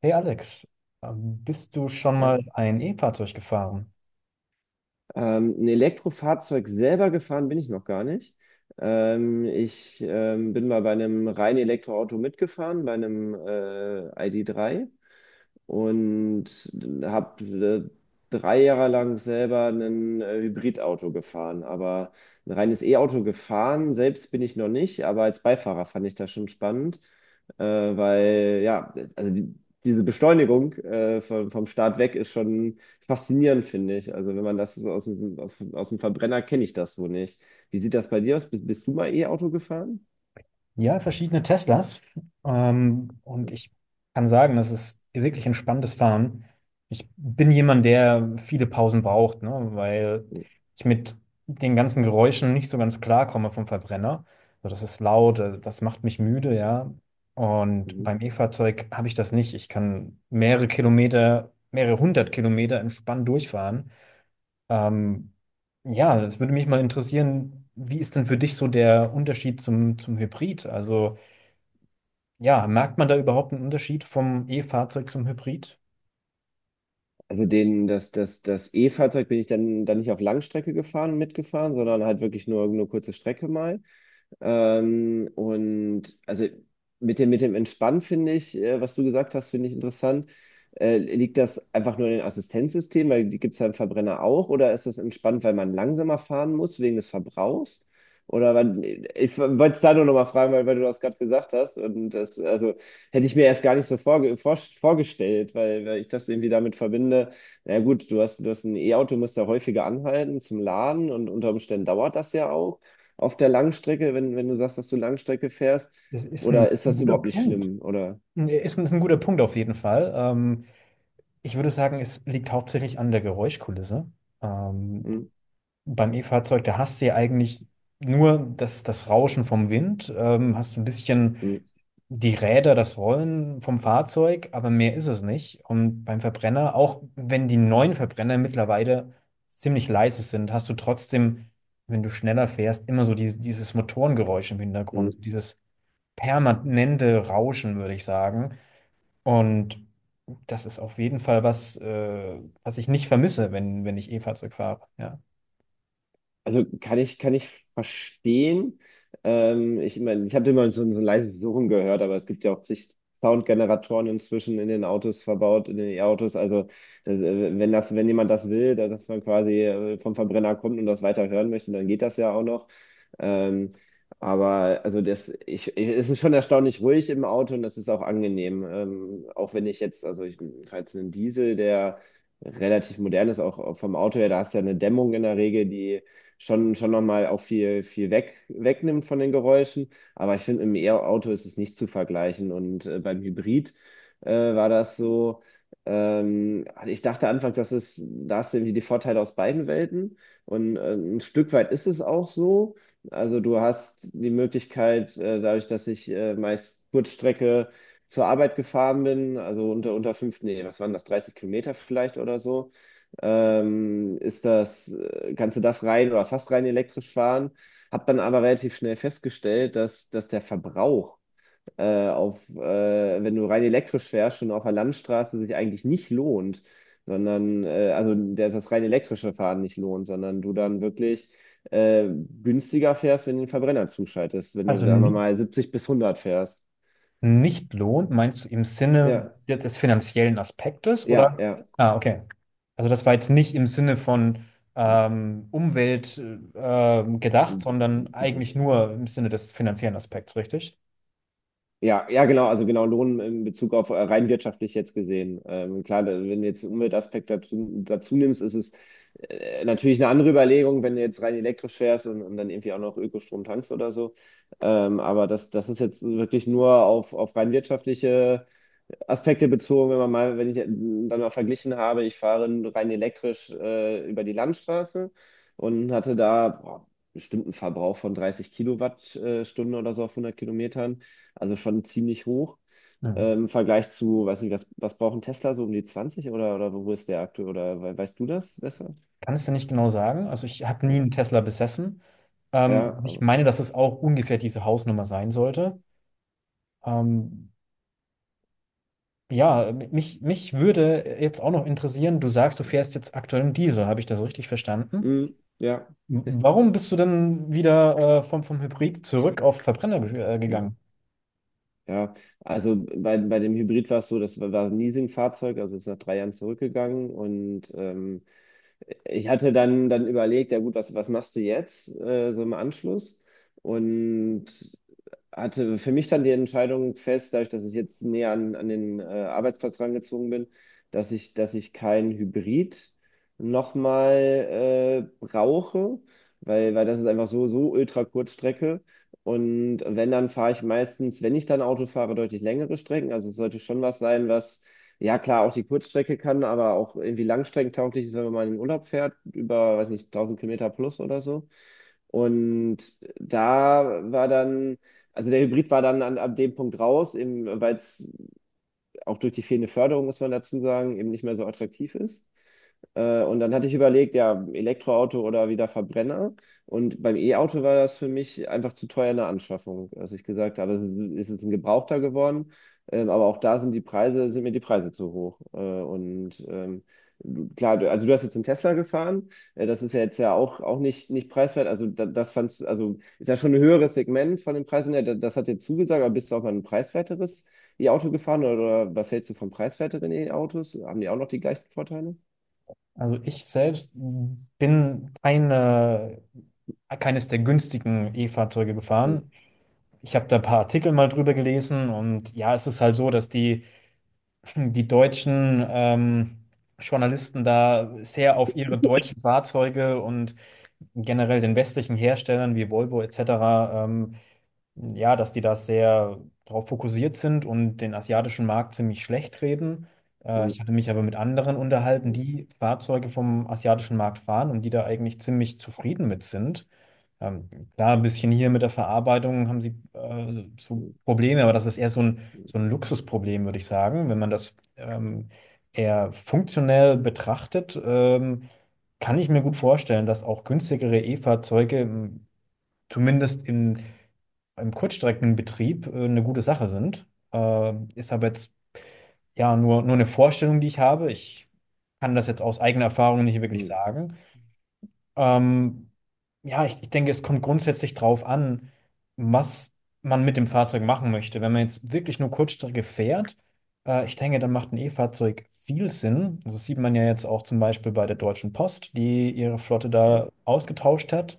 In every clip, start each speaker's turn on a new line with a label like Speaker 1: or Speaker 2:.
Speaker 1: Hey Alex, bist du schon
Speaker 2: Ja.
Speaker 1: mal ein E-Fahrzeug gefahren?
Speaker 2: Ein Elektrofahrzeug selber gefahren bin ich noch gar nicht. Ich bin mal bei einem reinen Elektroauto mitgefahren, bei einem ID.3. und habe 3 Jahre lang selber ein Hybridauto gefahren. Aber ein reines E-Auto gefahren, selbst bin ich noch nicht, aber als Beifahrer fand ich das schon spannend, weil ja, also diese Beschleunigung vom Start weg ist schon faszinierend, finde ich. Also wenn man das so aus dem Verbrenner kenne ich das so nicht. Wie sieht das bei dir aus? Bist du mal E-Auto gefahren?
Speaker 1: Ja, verschiedene Teslas. Und ich kann sagen, das ist wirklich ein spannendes Fahren. Ich bin jemand, der viele Pausen braucht, ne, weil ich mit den ganzen Geräuschen nicht so ganz klarkomme vom Verbrenner. So, das ist laut, das macht mich müde, ja. Und
Speaker 2: Mhm.
Speaker 1: beim E-Fahrzeug habe ich das nicht. Ich kann mehrere Kilometer, mehrere hundert Kilometer entspannt durchfahren. Ähm, ja, es würde mich mal interessieren, wie ist denn für dich so der Unterschied zum Hybrid? Also, ja, merkt man da überhaupt einen Unterschied vom E-Fahrzeug zum Hybrid?
Speaker 2: Also das E-Fahrzeug bin ich dann nicht auf Langstrecke gefahren, mitgefahren, sondern halt wirklich nur kurze Strecke mal. Und also mit dem Entspannen finde ich, was du gesagt hast, finde ich interessant. Liegt das einfach nur in den Assistenzsystemen, weil die gibt es ja im Verbrenner auch, oder ist das entspannt, weil man langsamer fahren muss wegen des Verbrauchs? Oder weil, ich wollte es da nur nochmal fragen, weil du das gerade gesagt hast. Und das, also hätte ich mir erst gar nicht so vorgestellt, weil ich das irgendwie damit verbinde. Na ja, gut, du hast ein E-Auto, musst da häufiger anhalten zum Laden und unter Umständen dauert das ja auch auf der Langstrecke, wenn du sagst, dass du Langstrecke fährst?
Speaker 1: Das ist
Speaker 2: Oder
Speaker 1: ein
Speaker 2: ist das
Speaker 1: guter
Speaker 2: überhaupt nicht
Speaker 1: Punkt.
Speaker 2: schlimm? Oder?
Speaker 1: Ist ein guter Punkt auf jeden Fall. Ich würde sagen, es liegt hauptsächlich an der Geräuschkulisse. Ähm,
Speaker 2: Hm.
Speaker 1: beim E-Fahrzeug, da hast du ja eigentlich nur das Rauschen vom Wind, hast du ein bisschen
Speaker 2: Hm.
Speaker 1: die Räder, das Rollen vom Fahrzeug, aber mehr ist es nicht. Und beim Verbrenner, auch wenn die neuen Verbrenner mittlerweile ziemlich leise sind, hast du trotzdem, wenn du schneller fährst, immer so dieses Motorengeräusch im
Speaker 2: Hm.
Speaker 1: Hintergrund, dieses permanente Rauschen, würde ich sagen. Und das ist auf jeden Fall was, was ich nicht vermisse, wenn ich E-Fahrzeug fahre. Ja.
Speaker 2: Also kann ich verstehen. Ich meine, ich habe immer so ein leises Surren gehört, aber es gibt ja auch zig Soundgeneratoren inzwischen in den Autos verbaut, in den E-Autos. Also das, wenn das, wenn jemand das will, dass man quasi vom Verbrenner kommt und das weiter hören möchte, dann geht das ja auch noch. Ähm, aber also es ist schon erstaunlich ruhig im Auto und das ist auch angenehm. Auch wenn ich jetzt, also ich fahre jetzt einen Diesel, der relativ modern ist, auch vom Auto her, da hast du ja eine Dämmung in der Regel, die schon nochmal auch viel, viel wegnimmt von den Geräuschen. Aber ich finde, im E-Auto ist es nicht zu vergleichen. Und beim Hybrid war das so. Ich dachte anfangs, da hast du irgendwie die Vorteile aus beiden Welten. Und ein Stück weit ist es auch so. Also du hast die Möglichkeit, dadurch, dass ich meist Kurzstrecke zur Arbeit gefahren bin, also unter fünf, nee, was waren das, 30 Kilometer vielleicht oder so, ist das kannst du das rein oder fast rein elektrisch fahren. Hab dann aber relativ schnell festgestellt, dass der Verbrauch wenn du rein elektrisch fährst, schon auf der Landstraße sich eigentlich nicht lohnt, sondern also der das rein elektrische Fahren nicht lohnt, sondern du dann wirklich äh, günstiger fährst, wenn du den Verbrenner zuschaltest, wenn du,
Speaker 1: Also
Speaker 2: sagen wir mal, 70 bis 100 fährst.
Speaker 1: nicht lohnt, meinst du im Sinne
Speaker 2: Ja,
Speaker 1: des finanziellen Aspektes oder?
Speaker 2: ja, ja.
Speaker 1: Ah, okay. Also das war jetzt nicht im Sinne von Umwelt gedacht, sondern
Speaker 2: Gut.
Speaker 1: eigentlich nur im Sinne des finanziellen Aspekts, richtig?
Speaker 2: Ja, ja, genau, also genau Lohn in Bezug auf rein wirtschaftlich jetzt gesehen. Klar, wenn du jetzt den Umweltaspekt dazu nimmst, ist es natürlich eine andere Überlegung, wenn du jetzt rein elektrisch fährst und dann irgendwie auch noch Ökostrom tankst oder so. Aber das ist jetzt wirklich nur auf rein wirtschaftliche Aspekte bezogen, wenn ich dann mal verglichen habe, ich fahre rein elektrisch über die Landstraße und hatte da boah, bestimmt einen Verbrauch von 30 Kilowattstunden oder so auf 100 Kilometern. Also schon ziemlich hoch.
Speaker 1: Mhm.
Speaker 2: Im Vergleich zu, weiß nicht, was braucht ein Tesla so um die 20 oder wo ist der aktuell? Oder weißt du das besser?
Speaker 1: Kann es denn nicht genau sagen? Also ich habe nie
Speaker 2: Okay.
Speaker 1: einen Tesla besessen.
Speaker 2: Ja,
Speaker 1: Ich
Speaker 2: aber.
Speaker 1: meine, dass es auch ungefähr diese Hausnummer sein sollte. Ähm, ja, mich würde jetzt auch noch interessieren, du sagst, du fährst jetzt aktuell einen Diesel. Habe ich das richtig verstanden?
Speaker 2: Mm. Ja.
Speaker 1: Warum bist du denn wieder vom, Hybrid zurück auf Verbrenner
Speaker 2: Mm.
Speaker 1: gegangen?
Speaker 2: Ja. Also bei dem Hybrid war es so, das war ein Leasingfahrzeug, also ist nach 3 Jahren zurückgegangen und ich hatte dann überlegt, ja gut, was machst du jetzt so im Anschluss? Und hatte für mich dann die Entscheidung fest, dadurch, dass ich jetzt näher an den Arbeitsplatz rangezogen bin, dass ich kein Hybrid nochmal brauche, weil das ist einfach so, ultra Kurzstrecke. Und wenn, dann fahre ich meistens, wenn ich dann Auto fahre, deutlich längere Strecken. Also es sollte schon was sein, was, ja klar, auch die Kurzstrecke kann, aber auch irgendwie langstreckentauglich ist, wenn man mal in den Urlaub fährt, über, weiß nicht, 1000 Kilometer plus oder so. Und da war dann, also der Hybrid war dann ab dem Punkt raus, eben, weil es auch durch die fehlende Förderung, muss man dazu sagen, eben nicht mehr so attraktiv ist. Und dann hatte ich überlegt, ja, Elektroauto oder wieder Verbrenner. Und beim E-Auto war das für mich einfach zu teuer eine Anschaffung, dass ich gesagt habe, es ist jetzt ein Gebrauchter geworden. Aber auch da sind sind mir die Preise zu hoch. Also du hast jetzt einen Tesla gefahren. Das ist ja jetzt ja auch nicht preiswert. Also also ist ja schon ein höheres Segment von den Preisen her. Das hat dir zugesagt, aber bist du auch mal ein preiswerteres E-Auto gefahren oder was hältst du von preiswerteren E-Autos? Haben die auch noch die gleichen Vorteile?
Speaker 1: Also ich selbst bin keine, keines der günstigen E-Fahrzeuge
Speaker 2: Hm.
Speaker 1: gefahren. Ich habe da ein paar Artikel mal drüber gelesen und ja, es ist halt so, die deutschen Journalisten da sehr auf ihre deutschen Fahrzeuge und generell den westlichen Herstellern wie Volvo etc. Ähm, ja, dass die da sehr darauf fokussiert sind und den asiatischen Markt ziemlich schlecht reden.
Speaker 2: Mm,
Speaker 1: Ich hatte mich aber mit anderen unterhalten,
Speaker 2: mm,
Speaker 1: die Fahrzeuge vom asiatischen Markt fahren und die da eigentlich ziemlich zufrieden mit sind. Ähm, klar, ein bisschen hier mit der Verarbeitung haben sie so
Speaker 2: mm,
Speaker 1: Probleme, aber das ist eher so ein Luxusproblem, würde ich sagen. Wenn man das eher funktionell betrachtet, kann ich mir gut vorstellen, dass auch günstigere E-Fahrzeuge zumindest im Kurzstreckenbetrieb eine gute Sache sind. Ist aber jetzt ja nur eine Vorstellung, die ich habe. Ich kann das jetzt aus eigener Erfahrung nicht wirklich
Speaker 2: mm.
Speaker 1: sagen. Ähm, ja, ich denke, es kommt grundsätzlich drauf an, was man mit dem Fahrzeug machen möchte. Wenn man jetzt wirklich nur Kurzstrecke fährt, ich denke, dann macht ein E-Fahrzeug viel Sinn. Also das sieht man ja jetzt auch zum Beispiel bei der Deutschen Post, die ihre Flotte da ausgetauscht hat,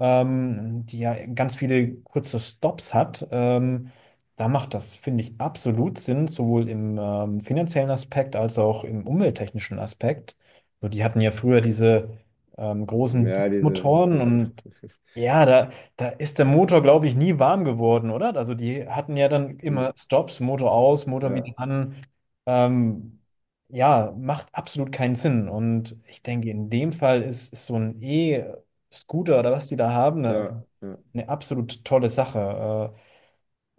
Speaker 1: die ja ganz viele kurze Stops hat. Da macht das, finde ich, absolut Sinn, sowohl im finanziellen Aspekt als auch im umwelttechnischen Aspekt. So, die hatten ja früher diese großen
Speaker 2: Ja, diese.
Speaker 1: Motoren und ja, da ist der Motor, glaube ich, nie warm geworden, oder? Also die hatten ja dann
Speaker 2: Mm.
Speaker 1: immer Stops, Motor aus, Motor
Speaker 2: Ja,
Speaker 1: wieder an. Ähm, ja, macht absolut keinen Sinn. Und ich denke, in dem Fall ist so ein E-Scooter oder was die da haben, ne, also
Speaker 2: ja, ja.
Speaker 1: eine absolut tolle Sache. Äh,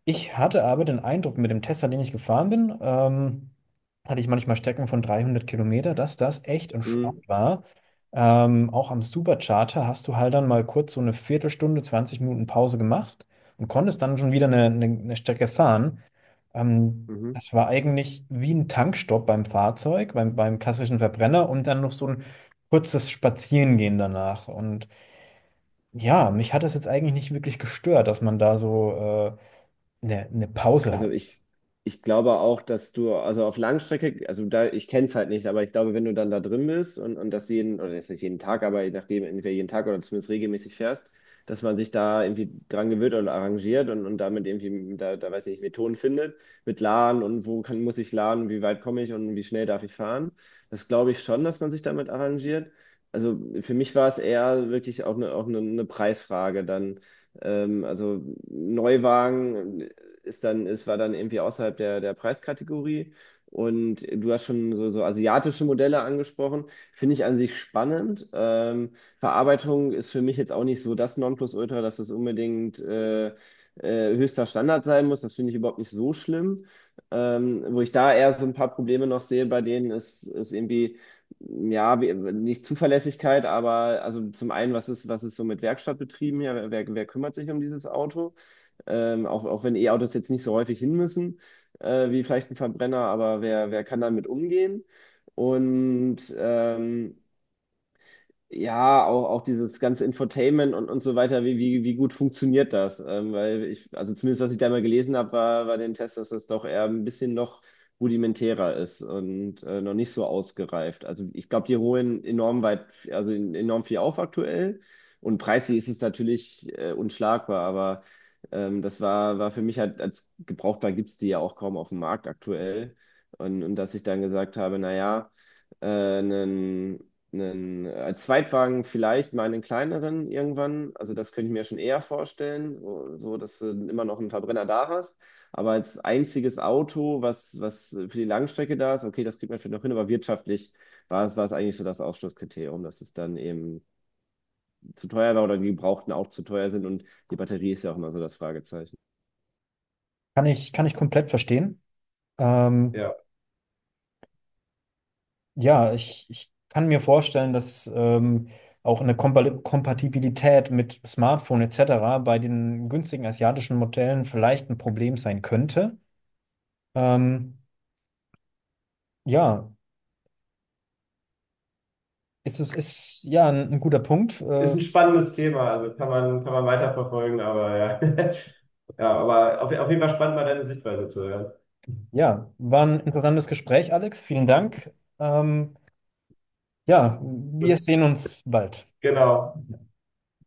Speaker 1: ich hatte aber den Eindruck, mit dem Tesla, den ich gefahren bin, hatte ich manchmal Strecken von 300 Kilometer, dass das echt
Speaker 2: Mm.
Speaker 1: entspannt war. Auch am Supercharger hast du halt dann mal kurz so eine Viertelstunde, 20 Minuten Pause gemacht und konntest dann schon wieder eine Strecke fahren.
Speaker 2: Mhm.
Speaker 1: Das war eigentlich wie ein Tankstopp beim Fahrzeug, beim klassischen Verbrenner und dann noch so ein kurzes Spazierengehen danach. Und ja, mich hat das jetzt eigentlich nicht wirklich gestört, dass man da so äh, eine Pause
Speaker 2: also
Speaker 1: hat.
Speaker 2: ich, ich glaube auch, dass du, also auf Langstrecke, also da, ich kenne es halt nicht, aber ich glaube, wenn du dann da drin bist und das jeden, oder jetzt nicht jeden Tag, aber je nachdem, entweder jeden Tag oder zumindest regelmäßig fährst, dass man sich da irgendwie dran gewöhnt oder arrangiert und damit irgendwie, da weiß ich nicht, Methoden findet, mit Laden und wo muss ich laden, wie weit komme ich und wie schnell darf ich fahren. Das glaube ich schon, dass man sich damit arrangiert. Also für mich war es eher wirklich auch eine Preisfrage dann. Also Neuwagen, es war dann irgendwie außerhalb der Preiskategorie. Und du hast schon so asiatische Modelle angesprochen, finde ich an sich spannend. Verarbeitung ist für mich jetzt auch nicht so das Nonplusultra, dass es unbedingt höchster Standard sein muss. Das finde ich überhaupt nicht so schlimm. Wo ich da eher so ein paar Probleme noch sehe bei denen, ist irgendwie, ja, nicht Zuverlässigkeit, aber also zum einen, was ist so mit Werkstattbetrieben hier? Wer kümmert sich um dieses Auto? Auch wenn E-Autos jetzt nicht so häufig hin müssen, wie vielleicht ein Verbrenner, aber wer kann damit umgehen? Und ja, auch dieses ganze Infotainment und so weiter, wie gut funktioniert das? Weil ich, also zumindest was ich da mal gelesen habe, war den Test, dass das doch eher ein bisschen noch rudimentärer ist und noch nicht so ausgereift. Also ich glaube, die holen enorm weit, also enorm viel auf aktuell und preislich ist es natürlich unschlagbar, aber das war für mich halt als gebrauchtbar gibt es die ja auch kaum auf dem Markt aktuell. Und dass ich dann gesagt habe, naja, äh, einen, als Zweitwagen vielleicht mal einen kleineren irgendwann. Also das könnte ich mir schon eher vorstellen, so dass du immer noch einen Verbrenner da hast. Aber als einziges Auto, was für die Langstrecke da ist, okay, das kriegt man vielleicht noch hin, aber wirtschaftlich war es eigentlich so das Ausschlusskriterium, dass es dann eben zu teuer war oder die Gebrauchten auch zu teuer sind und die Batterie ist ja auch immer so das Fragezeichen.
Speaker 1: Kann ich komplett verstehen. Ähm,
Speaker 2: Ja,
Speaker 1: ja, ich kann mir vorstellen, dass auch eine Kompatibilität mit Smartphone etc. bei den günstigen asiatischen Modellen vielleicht ein Problem sein könnte. Ähm, ja, ist ja ein guter Punkt.
Speaker 2: ist ein spannendes Thema, also kann man weiterverfolgen, aber ja. Ja, aber auf jeden Fall spannend, mal deine Sichtweise zu hören.
Speaker 1: Ja, war ein interessantes Gespräch, Alex. Vielen Dank. Ähm, ja, wir
Speaker 2: Gut,
Speaker 1: sehen uns bald.
Speaker 2: genau.